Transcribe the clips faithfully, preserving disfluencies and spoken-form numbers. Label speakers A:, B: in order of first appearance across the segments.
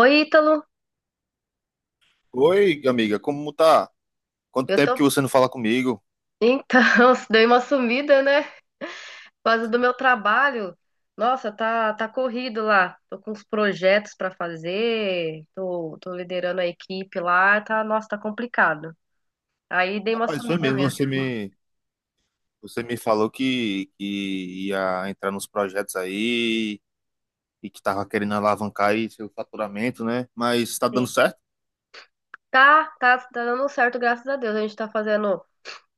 A: Oi, Ítalo.
B: Oi, amiga, como tá? Quanto
A: Eu
B: tempo
A: tô.
B: que você não fala comigo?
A: Então, dei uma sumida, né? Por causa do meu trabalho. Nossa, tá, tá corrido lá. Tô com uns projetos pra fazer. Tô, tô liderando a equipe lá. Tá, nossa, tá complicado. Aí dei uma
B: Rapaz, foi
A: sumida
B: mesmo,
A: mesmo.
B: você me, você me falou que, que ia entrar nos projetos aí e que tava querendo alavancar aí seu faturamento, né? Mas tá dando
A: Sim.
B: certo?
A: Tá, tá, tá dando certo, graças a Deus. A gente tá fazendo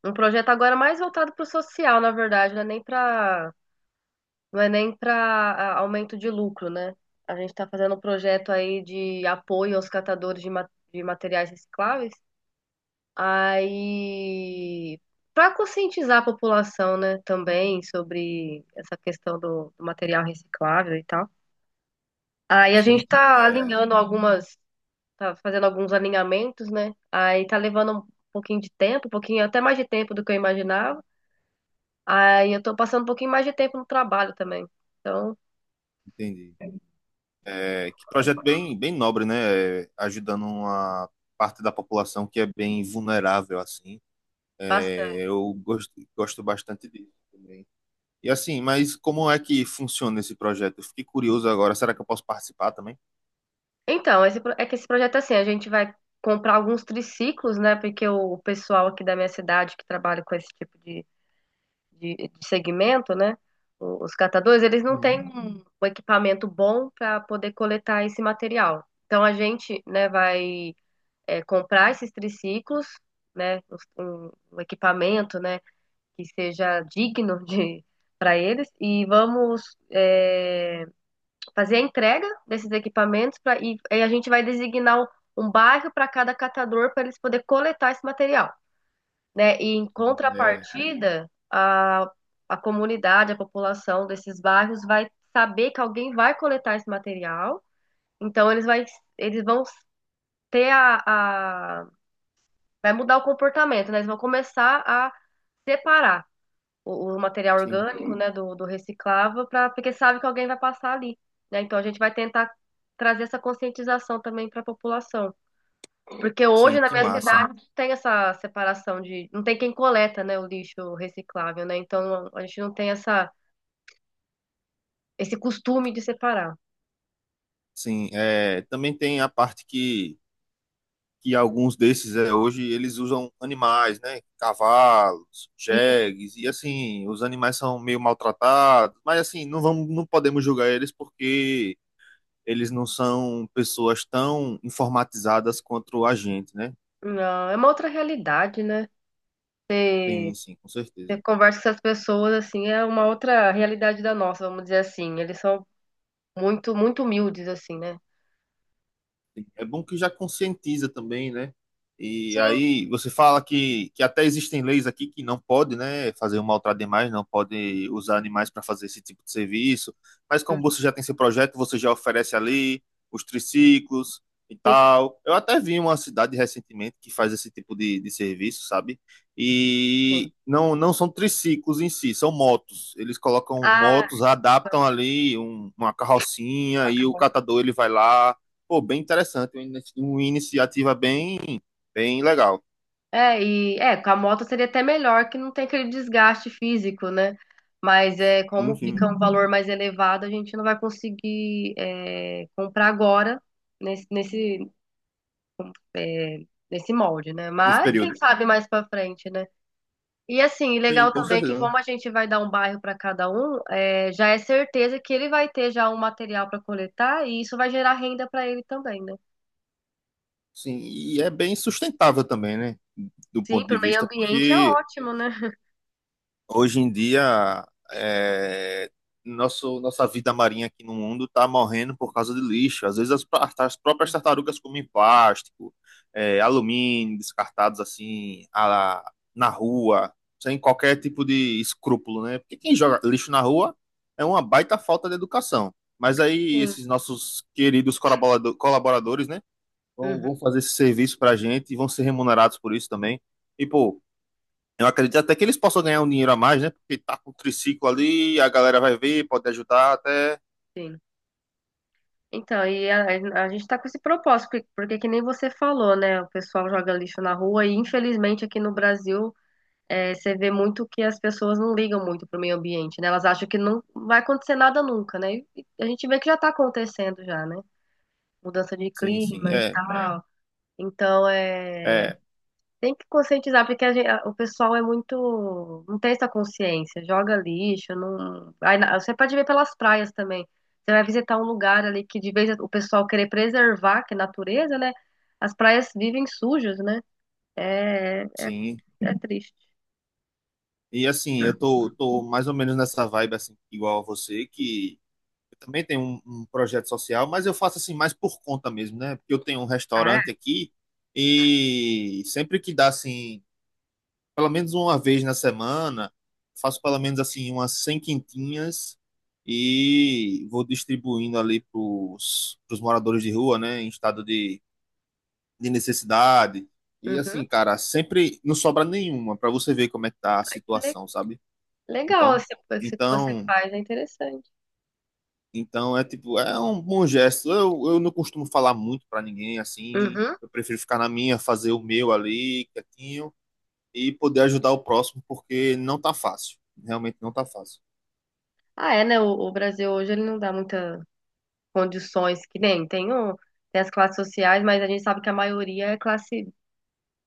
A: um projeto agora mais voltado pro social, na verdade, né? Nem pra Não é nem para aumento de lucro, né? A gente está fazendo um projeto aí de apoio aos catadores de, ma- de materiais recicláveis. Aí, para conscientizar a população, né, também sobre essa questão do, do material reciclável e tal. Aí a gente
B: Sim,
A: está
B: é,
A: alinhando algumas, tá fazendo alguns alinhamentos, né? Aí tá levando um pouquinho de tempo, um pouquinho até mais de tempo do que eu imaginava. Aí eu tô passando um pouquinho mais de tempo no trabalho também. Então,
B: entendi. É, que projeto bem, bem nobre, né? É, ajudando uma parte da população que é bem vulnerável, assim. É, eu gosto, gosto bastante disso. E assim, mas como é que funciona esse projeto? Eu fiquei curioso agora. Será que eu posso participar também?
A: Então, esse, pro- é que esse projeto é assim, a gente vai comprar alguns triciclos, né? Porque o pessoal aqui da minha cidade que trabalha com esse tipo de, de, de segmento, né? o- Os catadores, eles não
B: Hum,
A: têm um, um equipamento bom para poder coletar esse material. Então, a gente, né, vai é, comprar esses triciclos, né? os- Um, um equipamento, né? Que seja digno de para eles e vamos é, fazer a entrega desses equipamentos pra, e, e a gente vai designar um, um bairro para cada catador para eles poderem coletar esse material, né? E em
B: hum, é,
A: contrapartida, a, a comunidade, a população desses bairros vai saber que alguém vai coletar esse material, então eles, vai, eles vão ter a, a- Vai mudar o comportamento, né? Eles vão começar a separar o, o material
B: sim.
A: orgânico, né, do, do reciclável, pra, porque sabe que alguém vai passar ali, né? Então a gente vai tentar trazer essa conscientização também para a população, porque hoje
B: Sim,
A: na
B: que
A: minha
B: massa.
A: cidade não tem essa separação de, não tem quem coleta, né, o lixo reciclável, né? Então a gente não tem essa esse costume de separar.
B: Sim, é, também tem a parte que, que alguns desses é, hoje eles usam animais, né? Cavalos,
A: E
B: jegues, e assim, os animais são meio maltratados, mas assim, não vamos, não podemos julgar eles porque eles não são pessoas tão informatizadas quanto a gente, né?
A: não é uma outra realidade, né?
B: Tem,
A: Você,
B: sim, com
A: você
B: certeza.
A: conversa com essas pessoas assim, é uma outra realidade da nossa, vamos dizer assim. Eles são muito muito humildes assim, né?
B: Assim, é bom que já conscientiza também, né? E
A: Sim,
B: aí você fala que, que até existem leis aqui que não pode, né, fazer um maltrato de animais, não pode usar animais para fazer esse tipo de serviço. Mas como você já tem esse projeto, você já oferece ali os triciclos e
A: sim,
B: tal. Eu até vi uma cidade recentemente que faz esse tipo de, de serviço, sabe?
A: sim.
B: E não não são triciclos em si, são motos. Eles colocam
A: Ah,
B: motos, adaptam ali um- uma
A: com
B: carrocinha
A: a
B: e o
A: carroça.
B: catador ele vai lá. Pô, bem interessante, uma ini- uma iniciativa bem, bem legal,
A: É, e é, com a moto seria até melhor que não tem aquele desgaste físico, né? Mas é como fica
B: enfim,
A: um valor mais elevado, a gente não vai conseguir é, comprar agora nesse, nesse, é, nesse molde, né?
B: nesse
A: Mas quem
B: período.
A: sabe mais pra frente, né? E assim,
B: Sim,
A: legal
B: com
A: também que
B: certeza.
A: como a gente vai dar um bairro pra cada um, é, já é certeza que ele vai ter já um material pra coletar e isso vai gerar renda pra ele também, né?
B: Sim, e é bem sustentável também, né? Do
A: Sim,
B: ponto de
A: pro meio
B: vista,
A: ambiente é
B: porque
A: ótimo, né?
B: hoje em dia, é, nosso, nossa vida marinha aqui no mundo está morrendo por causa de lixo. Às vezes as, pa- as próprias tartarugas comem plástico, é, alumínio, descartados assim a- na rua, sem qualquer tipo de escrúpulo, né? Porque quem joga lixo na rua é uma baita falta de educação. Mas aí
A: Sim.
B: esses nossos queridos colaborado- colaboradores, né, vão,
A: Uhum,
B: vão fazer esse serviço pra gente e vão ser remunerados por isso também. E, pô, eu acredito até que eles possam ganhar um dinheiro a mais, né? Porque tá com o triciclo ali, a galera vai ver, pode ajudar até.
A: sim. Então, e a, a gente tá com esse propósito, porque, porque que nem você falou, né? O pessoal joga lixo na rua e infelizmente aqui no Brasil é, você vê muito que as pessoas não ligam muito pro meio ambiente, né? Elas acham que não vai acontecer nada nunca, né? E a gente vê que já tá acontecendo já, né? Mudança de
B: Sim, sim,
A: clima e
B: é,
A: tal. Então, é
B: é,
A: tem que conscientizar, porque a gen- a- o pessoal é muito. Não tem essa consciência, joga lixo, não. Aí na- você pode ver pelas praias também. Você vai visitar um lugar ali que de vez o pessoal querer preservar, que é natureza, né? As praias vivem sujas, né? É
B: sim.
A: é triste.
B: E assim, eu tô, tô mais ou menos nessa vibe, assim, igual a você, que eu também tenho um, um projeto social, mas eu faço assim mais por conta mesmo, né? Porque eu tenho um
A: Ah, é?
B: restaurante aqui e sempre que dá assim pelo menos uma vez na semana, faço pelo menos assim umas cem quentinhas e vou distribuindo ali para os moradores de rua, né, em estado de, de necessidade. E
A: Uhum.
B: assim, cara, sempre não sobra nenhuma para você ver como é que tá a
A: Ai, que le-
B: situação, sabe?
A: legal
B: Então,
A: esse- isso que você
B: então,
A: faz, é interessante.
B: então é tipo, é um bom gesto. Eu, eu não costumo falar muito para ninguém assim,
A: Uhum.
B: eu prefiro ficar na minha, fazer o meu ali, quietinho e poder ajudar o próximo, porque não tá fácil. Realmente não tá fácil.
A: Ah, é, né? O, o Brasil hoje ele não dá muitas condições que nem tem, o, tem as classes sociais, mas a gente sabe que a maioria é classe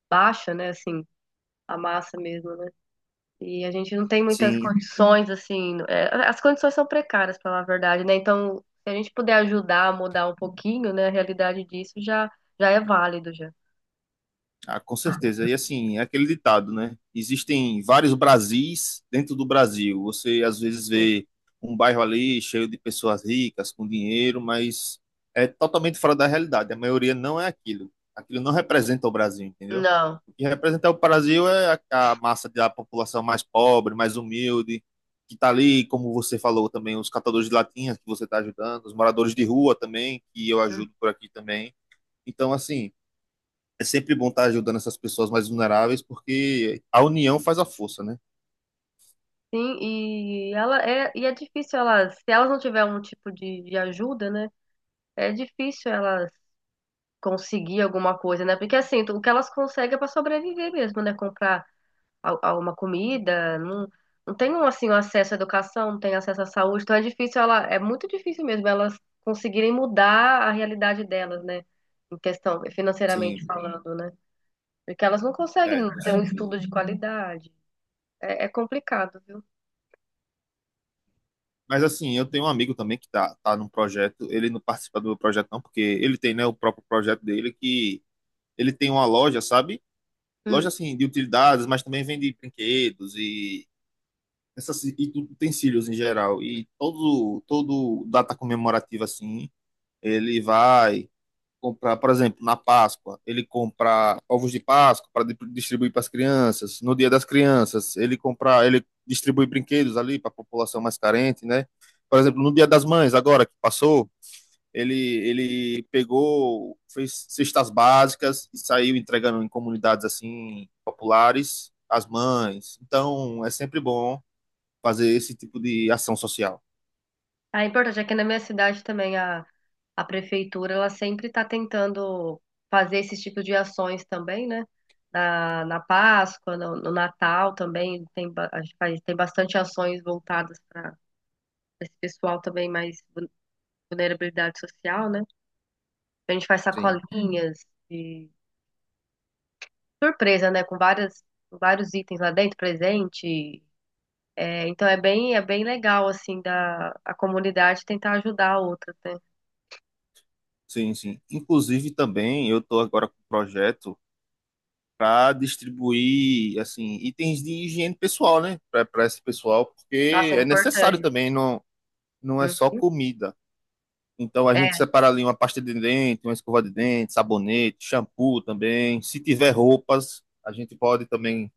A: baixa, né? Assim, a massa mesmo, né? E a gente não tem muitas
B: Sim,
A: condições, assim, é, as condições são precárias, para falar a verdade, né? Então, se a gente puder ajudar a mudar um pouquinho, né, a realidade disso já, já é válido, já.
B: ah, com certeza. E assim, é aquele ditado, né? Existem vários Brasis dentro do Brasil. Você às vezes
A: Sim.
B: vê um bairro ali cheio de pessoas ricas, com dinheiro, mas é totalmente fora da realidade. A maioria não é aquilo. Aquilo não representa o Brasil, entendeu?
A: Não.
B: E representar o Brasil é a, a massa da população mais pobre, mais humilde, que está ali, como você falou também, os catadores de latinhas que você está ajudando, os moradores de rua também, que eu ajudo por aqui também. Então, assim, é sempre bom estar ajudando essas pessoas mais vulneráveis, porque a união faz a força, né?
A: Sim, e ela é, e é difícil elas, se elas não tiverem um tipo de, de ajuda, né? É difícil elas conseguir alguma coisa, né? Porque assim, o que elas conseguem é para sobreviver mesmo, né? Comprar a, a uma comida, não, não tem um, assim, um acesso à educação, não tem acesso à saúde, então é difícil ela, é muito difícil mesmo elas conseguirem mudar a realidade delas, né? Em questão,
B: Sim,
A: financeiramente falando, né? Porque elas não conseguem
B: é, com
A: ter um
B: certeza.
A: estudo de qualidade. É, é complicado, viu?
B: Mas assim, eu tenho um amigo também que tá, tá num projeto, ele não participa do meu projeto não, porque ele tem, né, o próprio projeto dele, que ele tem uma loja, sabe?
A: Hum.
B: Loja assim de utilidades, mas também vende brinquedos e essas e utensílios em geral. E todo todo data comemorativa assim, ele vai comprar, por exemplo, na Páscoa, ele compra ovos de Páscoa para distribuir para as crianças. No Dia das Crianças, ele compra, ele distribui brinquedos ali para a população mais carente, né? Por exemplo, no Dia das Mães agora que passou, ele, ele pegou, fez cestas básicas e saiu entregando em comunidades assim populares as mães. Então, é sempre bom fazer esse tipo de ação social.
A: Ah, é importante, é que na minha cidade também a, a prefeitura, ela sempre está tentando fazer esse tipo de ações também, né? Na, na Páscoa, no, no Natal também, tem, ba- a gente faz, tem bastante ações voltadas para esse pessoal também mais vul- vulnerabilidade social, né? A gente faz
B: Sim.
A: sacolinhas de surpresa, né? Com várias, com vários itens lá dentro, presente. É, então é bem, é bem legal, assim, da, a comunidade tentar ajudar a outra, né?
B: Sim, sim. Inclusive também eu estou agora com um projeto para distribuir assim itens de higiene pessoal, né, para esse pessoal,
A: Nossa,
B: porque
A: é
B: é necessário
A: importante.
B: também, não não é só
A: Uhum.
B: comida. Então a gente
A: É,
B: separa ali uma pasta de dente, uma escova de dente, sabonete, shampoo também. Se tiver roupas, a gente pode também,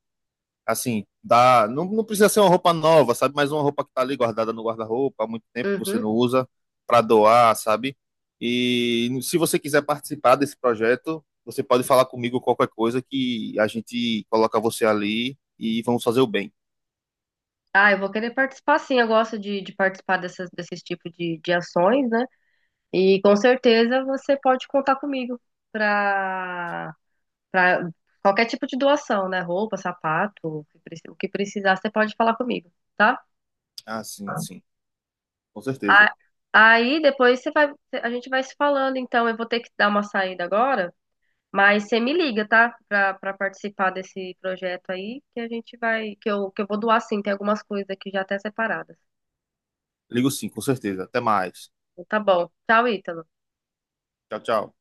B: assim, dar. Não, não precisa ser uma roupa nova, sabe? Mas uma roupa que está ali guardada no guarda-roupa há muito tempo que você
A: uhum.
B: não usa, para doar, sabe? E se você quiser participar desse projeto, você pode falar comigo qualquer coisa que a gente coloca você ali e vamos fazer o bem.
A: Ah, eu vou querer participar sim, eu gosto de, de participar dessas, desses tipos de, de ações, né? E com certeza você pode contar comigo para para qualquer tipo de doação, né? Roupa, sapato, o que preci- o que precisar, você pode falar comigo, tá?
B: Ah, sim, sim, com certeza.
A: A- Aí depois você vai, a gente vai se falando, então eu vou ter que dar uma saída agora, mas você me liga, tá? Para para participar desse projeto aí, que a gente vai, que eu, que eu vou doar sim, tem algumas coisas aqui já até separadas.
B: Ligo sim, com certeza. Até mais.
A: Tá bom. Tchau, Ítalo.
B: Tchau, tchau.